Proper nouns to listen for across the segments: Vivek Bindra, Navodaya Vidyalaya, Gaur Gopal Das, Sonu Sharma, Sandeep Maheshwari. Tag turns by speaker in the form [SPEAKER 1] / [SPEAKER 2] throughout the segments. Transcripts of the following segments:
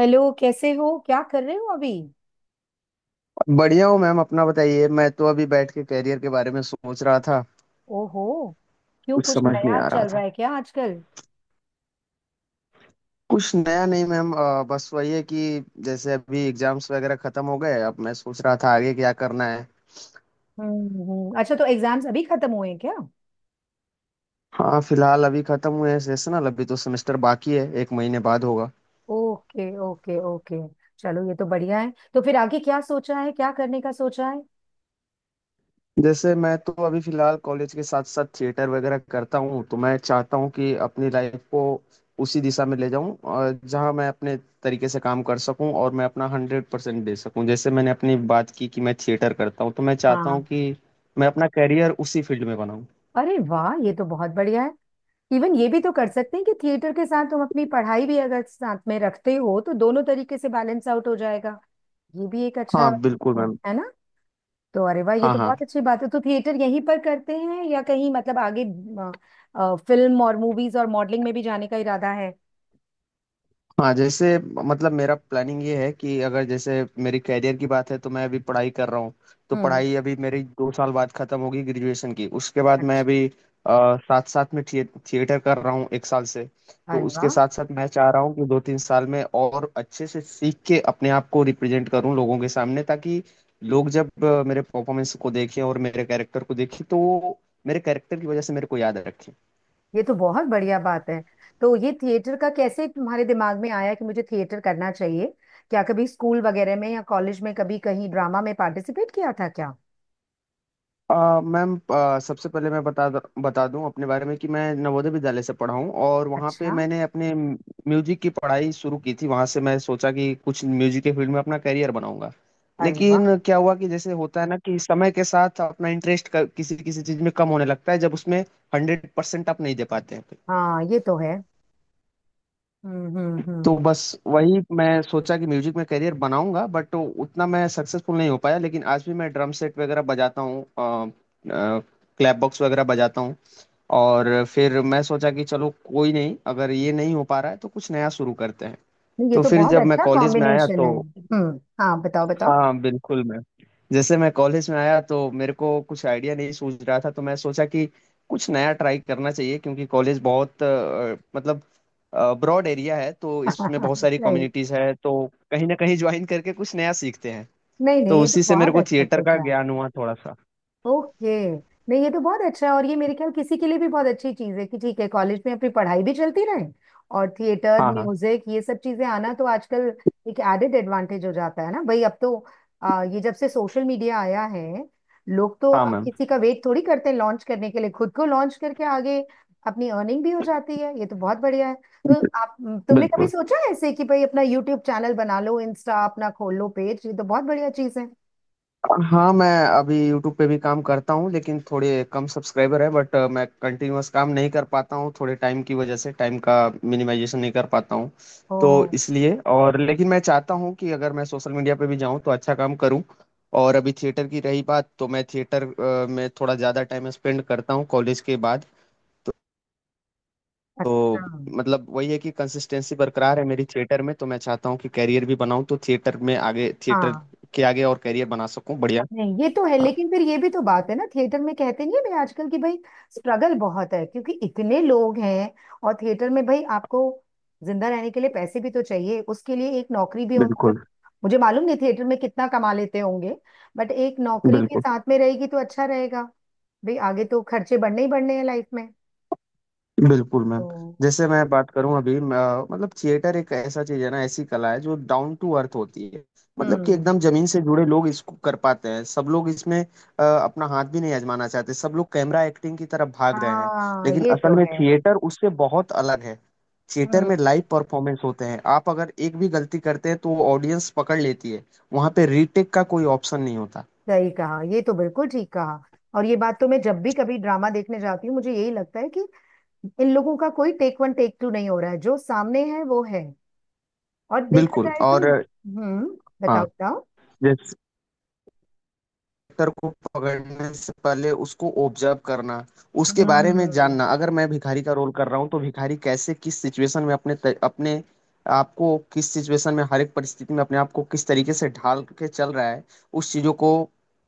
[SPEAKER 1] Hello, कैसे हो? क्या कर रहे हो अभी?
[SPEAKER 2] बढ़िया हूँ मैम, अपना बताइए। मैं तो अभी बैठ के कैरियर के बारे में सोच रहा था।
[SPEAKER 1] ओहो। क्यों,
[SPEAKER 2] कुछ
[SPEAKER 1] कुछ
[SPEAKER 2] समझ नहीं
[SPEAKER 1] नया
[SPEAKER 2] आ रहा
[SPEAKER 1] चल
[SPEAKER 2] था।
[SPEAKER 1] रहा है क्या आजकल?
[SPEAKER 2] कुछ नया नहीं मैम, बस वही है कि जैसे अभी एग्जाम्स वगैरह खत्म हो गए। अब मैं सोच रहा था आगे क्या करना है।
[SPEAKER 1] अच्छा, तो एग्जाम्स अभी खत्म हुए हैं क्या?
[SPEAKER 2] हाँ, फिलहाल अभी खत्म हुए हैं सेशनल। अभी तो सेमेस्टर बाकी है, एक महीने बाद होगा।
[SPEAKER 1] Okay okay okay. चलो, ये तो बढ़िया है। तो फिर आगे क्या सोचा है, क्या करने का सोचा है?
[SPEAKER 2] जैसे मैं तो अभी फिलहाल कॉलेज के साथ साथ थिएटर वगैरह करता हूँ, तो मैं चाहता हूँ कि अपनी लाइफ को उसी दिशा में ले जाऊँ और जहाँ मैं अपने तरीके से काम कर सकूँ और मैं अपना 100% दे सकूँ। जैसे मैंने अपनी बात की कि मैं थिएटर करता हूँ तो मैं चाहता हूँ
[SPEAKER 1] हाँ।
[SPEAKER 2] कि मैं अपना करियर उसी फील्ड में बनाऊँ।
[SPEAKER 1] अरे वाह, ये तो बहुत बढ़िया है। इवन ये भी तो कर सकते हैं कि थिएटर के साथ तुम अपनी पढ़ाई भी अगर साथ में रखते हो तो दोनों तरीके से बैलेंस आउट हो जाएगा। ये भी एक अच्छा
[SPEAKER 2] हाँ बिल्कुल मैम।
[SPEAKER 1] है ना। तो अरे वाह, ये
[SPEAKER 2] हाँ
[SPEAKER 1] तो
[SPEAKER 2] हाँ।
[SPEAKER 1] बहुत अच्छी बात है। तो थिएटर यहीं पर करते हैं या कहीं मतलब आगे फिल्म और मूवीज और मॉडलिंग में भी जाने का इरादा है?
[SPEAKER 2] हाँ, जैसे मतलब मेरा प्लानिंग ये है कि अगर जैसे मेरी कैरियर की बात है तो मैं अभी पढ़ाई कर रहा हूँ। तो
[SPEAKER 1] हम्म।
[SPEAKER 2] पढ़ाई अभी मेरी 2 साल बाद खत्म होगी ग्रेजुएशन की। उसके बाद मैं
[SPEAKER 1] अच्छा।
[SPEAKER 2] अभी साथ साथ में थिएटर कर रहा हूँ एक साल से। तो
[SPEAKER 1] अरे
[SPEAKER 2] उसके
[SPEAKER 1] वाह,
[SPEAKER 2] साथ साथ मैं चाह रहा हूँ कि 2 3 साल में और अच्छे से सीख के अपने आप को रिप्रेजेंट करूँ लोगों के सामने, ताकि लोग जब मेरे परफॉर्मेंस को देखें और मेरे कैरेक्टर को देखें तो वो मेरे कैरेक्टर की वजह से मेरे को याद रखें।
[SPEAKER 1] ये तो बहुत बढ़िया बात है। तो ये थिएटर का कैसे तुम्हारे दिमाग में आया कि मुझे थिएटर करना चाहिए? क्या कभी स्कूल वगैरह में या कॉलेज में कभी कहीं ड्रामा में पार्टिसिपेट किया था क्या?
[SPEAKER 2] अ, मैम, सबसे पहले मैं बता बता दूं अपने बारे में कि मैं नवोदय विद्यालय से पढ़ा हूं और वहां पे
[SPEAKER 1] अच्छा।
[SPEAKER 2] मैंने अपने म्यूजिक की पढ़ाई शुरू की थी। वहां से मैं सोचा कि कुछ म्यूजिक के फील्ड में अपना करियर बनाऊंगा।
[SPEAKER 1] अरे वाह।
[SPEAKER 2] लेकिन क्या हुआ कि जैसे होता है ना कि समय के साथ अपना इंटरेस्ट किसी किसी चीज में कम होने लगता है, जब उसमें 100% आप नहीं दे पाते हैं।
[SPEAKER 1] हाँ, ये तो है। हम्म हम्म
[SPEAKER 2] तो
[SPEAKER 1] हम्म
[SPEAKER 2] बस वही मैं सोचा कि म्यूजिक में करियर बनाऊंगा, बट उतना मैं सक्सेसफुल नहीं हो पाया। लेकिन आज भी मैं ड्रम सेट वगैरह बजाता हूँ, क्लैप बॉक्स वगैरह बजाता हूँ। और फिर मैं सोचा कि चलो कोई नहीं, अगर ये नहीं हो पा रहा है तो कुछ नया शुरू करते हैं।
[SPEAKER 1] नहीं, ये
[SPEAKER 2] तो
[SPEAKER 1] तो
[SPEAKER 2] फिर
[SPEAKER 1] बहुत
[SPEAKER 2] जब मैं
[SPEAKER 1] अच्छा
[SPEAKER 2] कॉलेज में आया
[SPEAKER 1] कॉम्बिनेशन
[SPEAKER 2] तो
[SPEAKER 1] है। हम्म, हाँ, बताओ बताओ।
[SPEAKER 2] हाँ बिल्कुल। मैं, जैसे मैं कॉलेज में आया तो मेरे को कुछ आइडिया नहीं सूझ रहा था। तो मैं सोचा कि कुछ नया ट्राई करना चाहिए, क्योंकि कॉलेज बहुत मतलब ब्रॉड एरिया है। तो इसमें बहुत सारी
[SPEAKER 1] सही।
[SPEAKER 2] कम्युनिटीज है तो कहीं ना कहीं ज्वाइन करके कुछ नया सीखते हैं।
[SPEAKER 1] नहीं नहीं,
[SPEAKER 2] तो
[SPEAKER 1] ये तो
[SPEAKER 2] उसी से मेरे
[SPEAKER 1] बहुत
[SPEAKER 2] को
[SPEAKER 1] अच्छा
[SPEAKER 2] थिएटर का
[SPEAKER 1] सोचा।
[SPEAKER 2] ज्ञान हुआ थोड़ा सा।
[SPEAKER 1] ओके। नहीं, ये तो बहुत अच्छा है। और ये मेरे ख्याल किसी के लिए भी बहुत अच्छी चीज है कि ठीक है, कॉलेज में अपनी पढ़ाई भी चलती रहे और थिएटर,
[SPEAKER 2] हाँ हाँ।
[SPEAKER 1] म्यूजिक, ये सब चीजें आना तो आजकल एक एडेड एडवांटेज हो जाता है ना भाई अब तो। ये जब से सोशल मीडिया आया है, लोग तो
[SPEAKER 2] हाँ
[SPEAKER 1] अब
[SPEAKER 2] मैम।
[SPEAKER 1] किसी का वेट थोड़ी करते हैं लॉन्च करने के लिए। खुद को लॉन्च करके आगे अपनी अर्निंग भी हो जाती है। ये तो बहुत बढ़िया है। तो आप, तुमने कभी
[SPEAKER 2] बिल्कुल।
[SPEAKER 1] सोचा है ऐसे कि भाई अपना यूट्यूब चैनल बना लो, इंस्टा अपना खोल लो पेज? ये तो बहुत बढ़िया चीज है।
[SPEAKER 2] हाँ, मैं अभी YouTube पे भी काम करता हूँ लेकिन थोड़े कम सब्सक्राइबर है, बट मैं कंटिन्यूअस काम नहीं कर पाता हूँ थोड़े टाइम की वजह से। टाइम का मिनिमाइजेशन नहीं कर पाता हूँ,
[SPEAKER 1] ओ।
[SPEAKER 2] तो इसलिए और लेकिन मैं चाहता हूँ कि अगर मैं सोशल मीडिया पे भी जाऊँ तो अच्छा काम करूँ। और अभी थिएटर की रही बात, तो मैं थिएटर में थोड़ा ज़्यादा टाइम स्पेंड करता हूँ कॉलेज के बाद। तो,
[SPEAKER 1] अच्छा।
[SPEAKER 2] तो मतलब वही है कि कंसिस्टेंसी बरकरार है मेरी थिएटर में, तो मैं चाहता हूँ कि कैरियर भी बनाऊँ, तो थिएटर में आगे, थिएटर
[SPEAKER 1] हाँ,
[SPEAKER 2] के आगे और कैरियर बना सकूँ। बढ़िया।
[SPEAKER 1] नहीं ये तो है।
[SPEAKER 2] हाँ,
[SPEAKER 1] लेकिन फिर ये भी तो बात है ना, थिएटर में कहते नहीं है भाई आजकल की भाई स्ट्रगल बहुत है क्योंकि इतने लोग हैं। और थिएटर में भाई आपको जिंदा रहने के लिए पैसे भी तो चाहिए, उसके लिए एक नौकरी भी होनी चाहिए।
[SPEAKER 2] बिल्कुल।
[SPEAKER 1] मुझे मालूम नहीं थिएटर में कितना कमा लेते होंगे, बट एक नौकरी भी
[SPEAKER 2] बिल्कुल
[SPEAKER 1] साथ में रहेगी तो अच्छा रहेगा। भाई आगे तो खर्चे बढ़ने ही बढ़ने हैं लाइफ में।
[SPEAKER 2] बिल्कुल
[SPEAKER 1] तो
[SPEAKER 2] मैम। जैसे मैं बात करूं अभी मतलब थिएटर एक ऐसा चीज है ना, ऐसी कला है जो डाउन टू अर्थ होती है। मतलब कि एकदम
[SPEAKER 1] हम्म,
[SPEAKER 2] जमीन से जुड़े लोग इसको कर पाते हैं। सब लोग इसमें अपना हाथ भी नहीं आजमाना चाहते, सब लोग कैमरा एक्टिंग की तरफ भाग रहे हैं।
[SPEAKER 1] हाँ,
[SPEAKER 2] लेकिन
[SPEAKER 1] ये तो
[SPEAKER 2] असल में
[SPEAKER 1] है।
[SPEAKER 2] थिएटर उससे बहुत अलग है। थिएटर
[SPEAKER 1] हम्म।
[SPEAKER 2] में लाइव परफॉर्मेंस होते हैं, आप अगर एक भी गलती करते हैं तो वो ऑडियंस पकड़ लेती है। वहां पे रीटेक का कोई ऑप्शन नहीं होता।
[SPEAKER 1] सही कहा, ये तो बिल्कुल ठीक कहा। और ये बात तो मैं जब भी कभी ड्रामा देखने जाती हूँ मुझे यही लगता है कि इन लोगों का कोई टेक वन टेक टू नहीं हो रहा है, जो सामने है वो है। और देखा
[SPEAKER 2] बिल्कुल
[SPEAKER 1] जाए तो
[SPEAKER 2] और
[SPEAKER 1] हम्म, बताओ
[SPEAKER 2] हाँ,
[SPEAKER 1] बताओ।
[SPEAKER 2] करेक्टर को पकड़ने से पहले उसको ऑब्जर्व करना, उसके बारे में
[SPEAKER 1] हम्म।
[SPEAKER 2] जानना। अगर मैं भिखारी का रोल कर रहा हूँ, तो भिखारी कैसे किस सिचुएशन में अपने अपने आपको, किस सिचुएशन में हर एक परिस्थिति में अपने आप को किस तरीके से ढाल के चल रहा है, उस चीजों को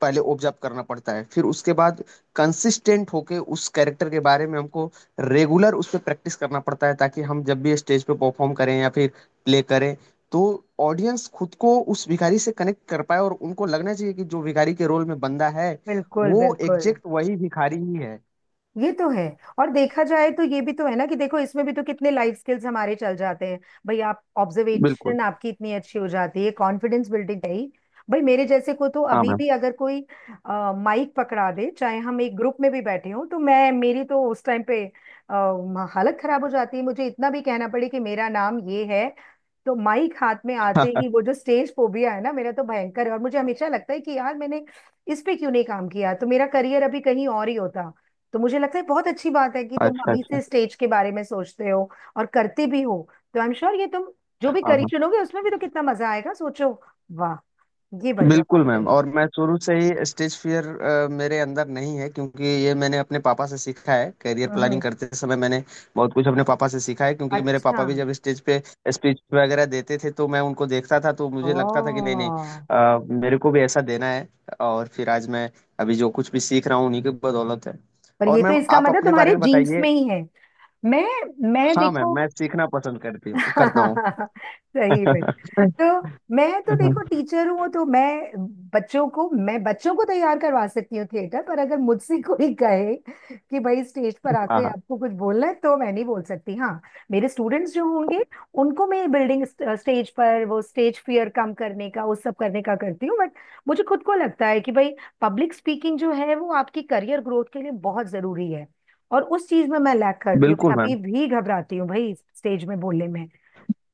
[SPEAKER 2] पहले ऑब्जर्व करना पड़ता है। फिर उसके बाद कंसिस्टेंट होके उस कैरेक्टर के बारे में हमको रेगुलर उस पर प्रैक्टिस करना पड़ता है, ताकि हम जब भी स्टेज पे परफॉर्म करें या फिर प्ले करें तो ऑडियंस खुद को उस भिखारी से कनेक्ट कर पाए और उनको लगना चाहिए कि जो भिखारी के रोल में बंदा है
[SPEAKER 1] बिल्कुल
[SPEAKER 2] वो
[SPEAKER 1] बिल्कुल।
[SPEAKER 2] एग्जैक्ट वही भिखारी ही है।
[SPEAKER 1] ये तो है। और देखा जाए तो ये भी तो है ना कि देखो, इसमें भी तो कितने लाइफ स्किल्स हमारे चल जाते हैं। भाई आप,
[SPEAKER 2] बिल्कुल।
[SPEAKER 1] ऑब्जर्वेशन आपकी इतनी अच्छी हो जाती है, कॉन्फिडेंस बिल्डिंग है ही। भाई मेरे जैसे को तो
[SPEAKER 2] हाँ
[SPEAKER 1] अभी
[SPEAKER 2] मैम।
[SPEAKER 1] भी अगर कोई माइक पकड़ा दे, चाहे हम एक ग्रुप में भी बैठे हों, तो मैं, मेरी तो उस टाइम पे अ, हालत खराब हो जाती है मुझे इतना भी कहना पड़े कि मेरा नाम ये है। तो माइक हाथ में आते ही वो जो स्टेज फोबिया है ना, मेरा तो भयंकर है। और मुझे हमेशा लगता है कि यार मैंने इस पे क्यों नहीं काम किया, तो मेरा करियर अभी कहीं और ही होता। तो मुझे लगता है बहुत अच्छी बात है कि तुम
[SPEAKER 2] अच्छा
[SPEAKER 1] अभी
[SPEAKER 2] अच्छा।
[SPEAKER 1] से स्टेज के बारे में सोचते हो और करते भी हो। तो आई एम श्योर ये तुम जो भी
[SPEAKER 2] हाँ
[SPEAKER 1] करी
[SPEAKER 2] हाँ।
[SPEAKER 1] चुनोगे उसमें भी तो कितना मजा आएगा, सोचो। वाह, ये बढ़िया बात
[SPEAKER 2] बिल्कुल मैम,
[SPEAKER 1] है।
[SPEAKER 2] और मैं शुरू से ही स्टेज फियर मेरे अंदर नहीं है, क्योंकि ये मैंने अपने पापा से सीखा है। करियर
[SPEAKER 1] हम्म
[SPEAKER 2] प्लानिंग
[SPEAKER 1] हम्म।
[SPEAKER 2] करते समय मैंने बहुत कुछ अपने पापा से सीखा है, क्योंकि मेरे
[SPEAKER 1] अच्छा।
[SPEAKER 2] पापा भी जब स्टेज पे स्पीच वगैरह देते थे तो मैं उनको देखता था। तो
[SPEAKER 1] ओ।
[SPEAKER 2] मुझे लगता था कि नहीं नहीं, मेरे को भी ऐसा देना है। और फिर आज मैं अभी जो कुछ भी सीख रहा हूँ उन्हीं की बदौलत है।
[SPEAKER 1] पर ये
[SPEAKER 2] और
[SPEAKER 1] तो
[SPEAKER 2] मैम
[SPEAKER 1] इसका
[SPEAKER 2] आप
[SPEAKER 1] मतलब
[SPEAKER 2] अपने बारे
[SPEAKER 1] तुम्हारे
[SPEAKER 2] में
[SPEAKER 1] जीन्स
[SPEAKER 2] बताइए।
[SPEAKER 1] में ही है। मैं मैं
[SPEAKER 2] हाँ मैम,
[SPEAKER 1] देखो,
[SPEAKER 2] मैं सीखना पसंद करती हूँ, करता हूँ।
[SPEAKER 1] सही में, तो मैं तो देखो टीचर हूँ, तो मैं बच्चों को, मैं बच्चों को तैयार करवा सकती हूँ थिएटर पर, अगर मुझसे कोई कहे कि भाई स्टेज पर
[SPEAKER 2] हाँ
[SPEAKER 1] आके
[SPEAKER 2] हाँ
[SPEAKER 1] आपको कुछ बोलना है तो मैं नहीं बोल सकती। हाँ, मेरे स्टूडेंट्स जो होंगे उनको मैं बिल्डिंग, स्टेज पर वो स्टेज फियर कम करने का, उस सब करने का करती हूँ। बट मुझे खुद को लगता है कि भाई पब्लिक स्पीकिंग जो है वो आपकी करियर ग्रोथ के लिए बहुत जरूरी है, और उस चीज में मैं लैक करती हूँ। मैं
[SPEAKER 2] बिल्कुल
[SPEAKER 1] अभी
[SPEAKER 2] मैम।
[SPEAKER 1] भी घबराती हूँ भाई स्टेज में बोलने में।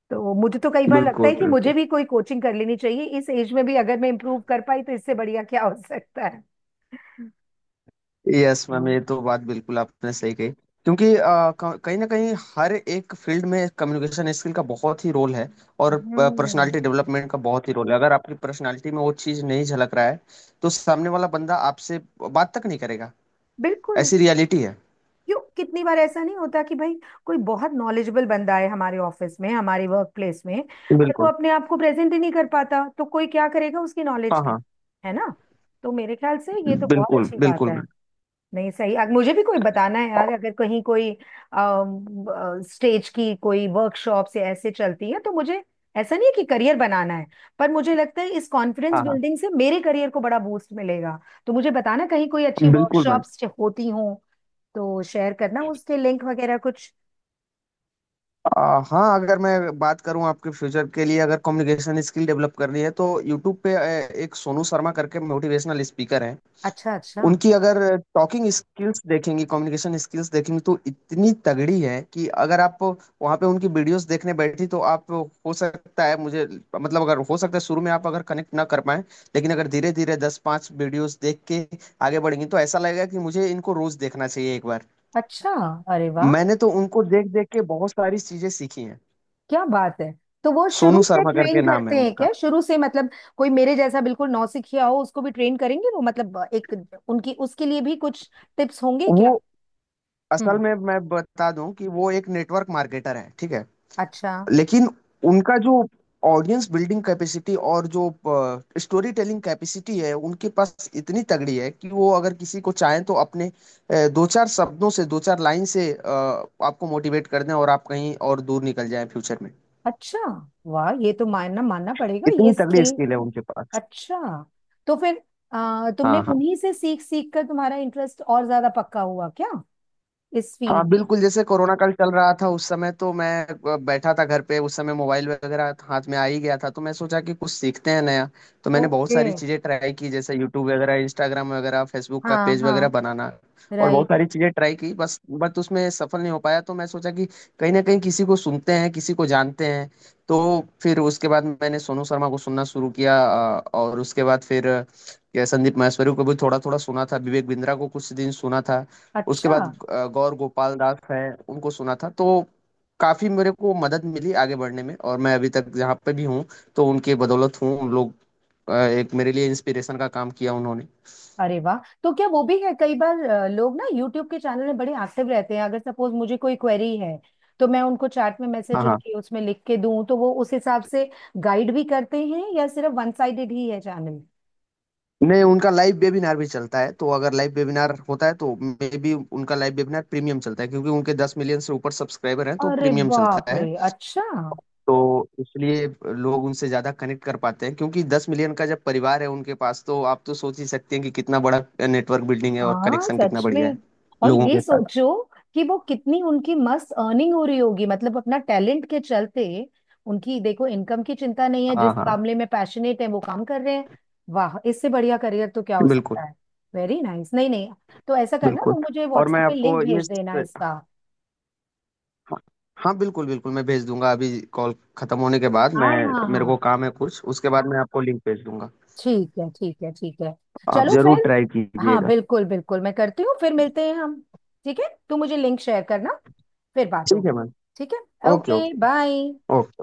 [SPEAKER 1] तो मुझे तो कई बार लगता
[SPEAKER 2] बिल्कुल
[SPEAKER 1] है कि मुझे
[SPEAKER 2] बिल्कुल।
[SPEAKER 1] भी कोई कोचिंग कर लेनी चाहिए, इस एज में भी अगर मैं इम्प्रूव कर पाई तो इससे बढ़िया क्या हो सकता है।
[SPEAKER 2] यस मैम,
[SPEAKER 1] हाँ।
[SPEAKER 2] ये तो बात बिल्कुल आपने सही कही, क्योंकि कहीं ना कहीं हर एक फील्ड में कम्युनिकेशन स्किल का बहुत ही रोल है और पर्सनालिटी
[SPEAKER 1] हम्म,
[SPEAKER 2] डेवलपमेंट का बहुत ही रोल है। अगर आपकी पर्सनालिटी में वो चीज़ नहीं झलक रहा है तो सामने वाला बंदा आपसे बात तक नहीं करेगा।
[SPEAKER 1] बिल्कुल।
[SPEAKER 2] ऐसी रियलिटी है।
[SPEAKER 1] क्यों, कितनी बार ऐसा नहीं होता कि भाई कोई बहुत नॉलेजेबल बंदा है हमारे ऑफिस में, हमारे वर्क प्लेस में, पर वो
[SPEAKER 2] बिल्कुल।
[SPEAKER 1] अपने आप को प्रेजेंट ही नहीं कर पाता, तो कोई क्या करेगा उसकी नॉलेज
[SPEAKER 2] हाँ
[SPEAKER 1] का,
[SPEAKER 2] हाँ।
[SPEAKER 1] है ना। तो मेरे ख्याल से ये तो बहुत
[SPEAKER 2] बिल्कुल
[SPEAKER 1] अच्छी बात
[SPEAKER 2] बिल्कुल
[SPEAKER 1] है।
[SPEAKER 2] मैम।
[SPEAKER 1] नहीं, सही मुझे भी कोई बताना है यार,
[SPEAKER 2] और-
[SPEAKER 1] अगर कहीं कोई स्टेज की कोई वर्कशॉप से ऐसे चलती है तो मुझे, ऐसा नहीं है कि करियर बनाना है, पर मुझे लगता है इस कॉन्फिडेंस
[SPEAKER 2] हाँ हाँ
[SPEAKER 1] बिल्डिंग से मेरे करियर को बड़ा बूस्ट मिलेगा। तो मुझे बताना कहीं कोई अच्छी
[SPEAKER 2] बिल्कुल मैम।
[SPEAKER 1] वर्कशॉप्स होती हों तो शेयर करना उसके लिंक वगैरह कुछ।
[SPEAKER 2] हाँ, अगर मैं बात करूँ आपके फ्यूचर के लिए, अगर कम्युनिकेशन स्किल डेवलप करनी है तो यूट्यूब पे एक सोनू शर्मा करके मोटिवेशनल स्पीकर है।
[SPEAKER 1] अच्छा अच्छा।
[SPEAKER 2] उनकी अगर टॉकिंग स्किल्स देखेंगे, कम्युनिकेशन स्किल्स देखेंगे, तो इतनी तगड़ी है कि अगर आप वहाँ पे उनकी वीडियोस देखने बैठी तो आप, हो सकता है मुझे, मतलब अगर हो सकता है शुरू में आप अगर कनेक्ट ना कर पाए, लेकिन अगर धीरे धीरे दस पाँच वीडियोस देख के आगे बढ़ेंगे तो ऐसा लगेगा कि मुझे इनको रोज देखना चाहिए एक बार।
[SPEAKER 1] अच्छा। अरे वाह।
[SPEAKER 2] मैंने तो उनको देख देख के बहुत सारी चीजें सीखी हैं।
[SPEAKER 1] क्या बात है। तो वो शुरू
[SPEAKER 2] सोनू
[SPEAKER 1] से
[SPEAKER 2] शर्मा
[SPEAKER 1] ट्रेन
[SPEAKER 2] करके नाम
[SPEAKER 1] करते
[SPEAKER 2] है
[SPEAKER 1] हैं
[SPEAKER 2] उनका।
[SPEAKER 1] क्या, शुरू से मतलब कोई मेरे जैसा बिल्कुल नौसिखिया हो उसको भी ट्रेन करेंगे वो, मतलब एक, उनकी उसके लिए भी कुछ टिप्स होंगे क्या?
[SPEAKER 2] वो असल
[SPEAKER 1] हम्म।
[SPEAKER 2] में, मैं बता दूं कि वो एक नेटवर्क मार्केटर है, ठीक है।
[SPEAKER 1] अच्छा
[SPEAKER 2] लेकिन उनका जो ऑडियंस बिल्डिंग कैपेसिटी और जो स्टोरी टेलिंग कैपेसिटी है उनके पास, इतनी तगड़ी है कि वो अगर किसी को चाहें तो अपने दो चार शब्दों से, दो चार लाइन से आपको मोटिवेट कर दें और आप कहीं और दूर निकल जाएं फ्यूचर में।
[SPEAKER 1] अच्छा। वाह, ये तो मानना मानना पड़ेगा ये
[SPEAKER 2] इतनी तगड़ी
[SPEAKER 1] स्किल।
[SPEAKER 2] स्किल है उनके पास।
[SPEAKER 1] अच्छा। तो फिर तुमने
[SPEAKER 2] हाँ हाँ।
[SPEAKER 1] उन्हीं से सीख सीख कर तुम्हारा इंटरेस्ट और ज्यादा पक्का हुआ क्या इस
[SPEAKER 2] हाँ
[SPEAKER 1] फील्ड में?
[SPEAKER 2] बिल्कुल, जैसे कोरोना काल चल रहा था उस समय तो मैं बैठा था घर पे। उस समय मोबाइल वगैरह हाथ में आ ही गया था, तो मैं सोचा कि कुछ सीखते हैं नया। तो मैंने बहुत
[SPEAKER 1] ओके।
[SPEAKER 2] सारी चीजें ट्राई की, जैसे यूट्यूब वगैरह, इंस्टाग्राम वगैरह, फेसबुक का
[SPEAKER 1] हाँ
[SPEAKER 2] पेज वगैरह
[SPEAKER 1] हाँ।
[SPEAKER 2] बनाना और बहुत
[SPEAKER 1] राइट।
[SPEAKER 2] सारी चीजें ट्राई की बस, बट उसमें सफल नहीं हो पाया। तो मैं सोचा कि कहीं ना कहीं किसी को सुनते हैं, किसी को जानते हैं। तो फिर उसके बाद मैंने सोनू शर्मा को सुनना शुरू किया। और उसके बाद फिर संदीप माहेश्वरी को भी थोड़ा थोड़ा सुना था, विवेक बिंद्रा को कुछ दिन सुना था। उसके
[SPEAKER 1] अच्छा।
[SPEAKER 2] बाद गौर गोपाल दास हैं, उनको सुना था। तो काफी मेरे को मदद मिली आगे बढ़ने में और मैं अभी तक जहाँ पे भी हूँ तो उनके बदौलत हूँ। उन लोग एक मेरे लिए इंस्पिरेशन का काम किया उन्होंने।
[SPEAKER 1] अरे वाह। तो क्या वो भी है कई बार लोग ना यूट्यूब के चैनल में बड़े एक्टिव रहते हैं, अगर सपोज मुझे कोई क्वेरी है तो मैं उनको चैट में
[SPEAKER 2] हाँ
[SPEAKER 1] मैसेज
[SPEAKER 2] हाँ।
[SPEAKER 1] उनके उसमें लिख के दूं तो वो उस हिसाब से गाइड भी करते हैं, या सिर्फ वन साइडेड ही है चैनल?
[SPEAKER 2] नहीं, उनका लाइव वेबिनार भी चलता है, तो अगर लाइव वेबिनार होता है तो मे बी उनका लाइव वेबिनार प्रीमियम चलता है, क्योंकि उनके 10 मिलियन से ऊपर सब्सक्राइबर हैं तो
[SPEAKER 1] अरे
[SPEAKER 2] प्रीमियम चलता
[SPEAKER 1] बाप रे।
[SPEAKER 2] है।
[SPEAKER 1] अच्छा।
[SPEAKER 2] तो इसलिए लोग उनसे ज्यादा कनेक्ट कर पाते हैं, क्योंकि 10 मिलियन का जब परिवार है उनके पास तो आप तो सोच ही सकते हैं कि कितना बड़ा नेटवर्क बिल्डिंग है और
[SPEAKER 1] हाँ
[SPEAKER 2] कनेक्शन कितना
[SPEAKER 1] सच में।
[SPEAKER 2] बढ़िया है
[SPEAKER 1] और
[SPEAKER 2] लोगों
[SPEAKER 1] ये
[SPEAKER 2] के साथ।
[SPEAKER 1] सोचो कि वो कितनी उनकी मस्त अर्निंग हो रही होगी मतलब अपना टैलेंट के चलते। उनकी देखो इनकम की चिंता नहीं है, जिस
[SPEAKER 2] हाँ हाँ
[SPEAKER 1] मामले में पैशनेट है वो काम कर रहे हैं। वाह, इससे बढ़िया करियर तो क्या हो
[SPEAKER 2] बिल्कुल
[SPEAKER 1] सकता है। Very nice nice। नहीं नहीं, तो ऐसा करना, तो
[SPEAKER 2] बिल्कुल।
[SPEAKER 1] मुझे
[SPEAKER 2] और मैं
[SPEAKER 1] व्हाट्सएप पे लिंक
[SPEAKER 2] आपको ये,
[SPEAKER 1] भेज देना इसका।
[SPEAKER 2] हाँ बिल्कुल बिल्कुल, मैं भेज दूंगा अभी, कॉल खत्म होने के बाद।
[SPEAKER 1] हाँ
[SPEAKER 2] मैं
[SPEAKER 1] हाँ
[SPEAKER 2] मेरे को
[SPEAKER 1] हाँ।
[SPEAKER 2] काम है कुछ, उसके बाद मैं आपको लिंक भेज दूंगा।
[SPEAKER 1] ठीक है ठीक है ठीक है।
[SPEAKER 2] आप
[SPEAKER 1] चलो
[SPEAKER 2] जरूर
[SPEAKER 1] फिर।
[SPEAKER 2] ट्राई
[SPEAKER 1] हाँ
[SPEAKER 2] कीजिएगा।
[SPEAKER 1] बिल्कुल बिल्कुल, मैं करती हूँ। फिर मिलते हैं हम। ठीक है, तू मुझे लिंक शेयर करना, फिर बात
[SPEAKER 2] ठीक है
[SPEAKER 1] होगी।
[SPEAKER 2] मैम।
[SPEAKER 1] ठीक है।
[SPEAKER 2] Okay
[SPEAKER 1] okay
[SPEAKER 2] okay
[SPEAKER 1] bye.
[SPEAKER 2] Okay.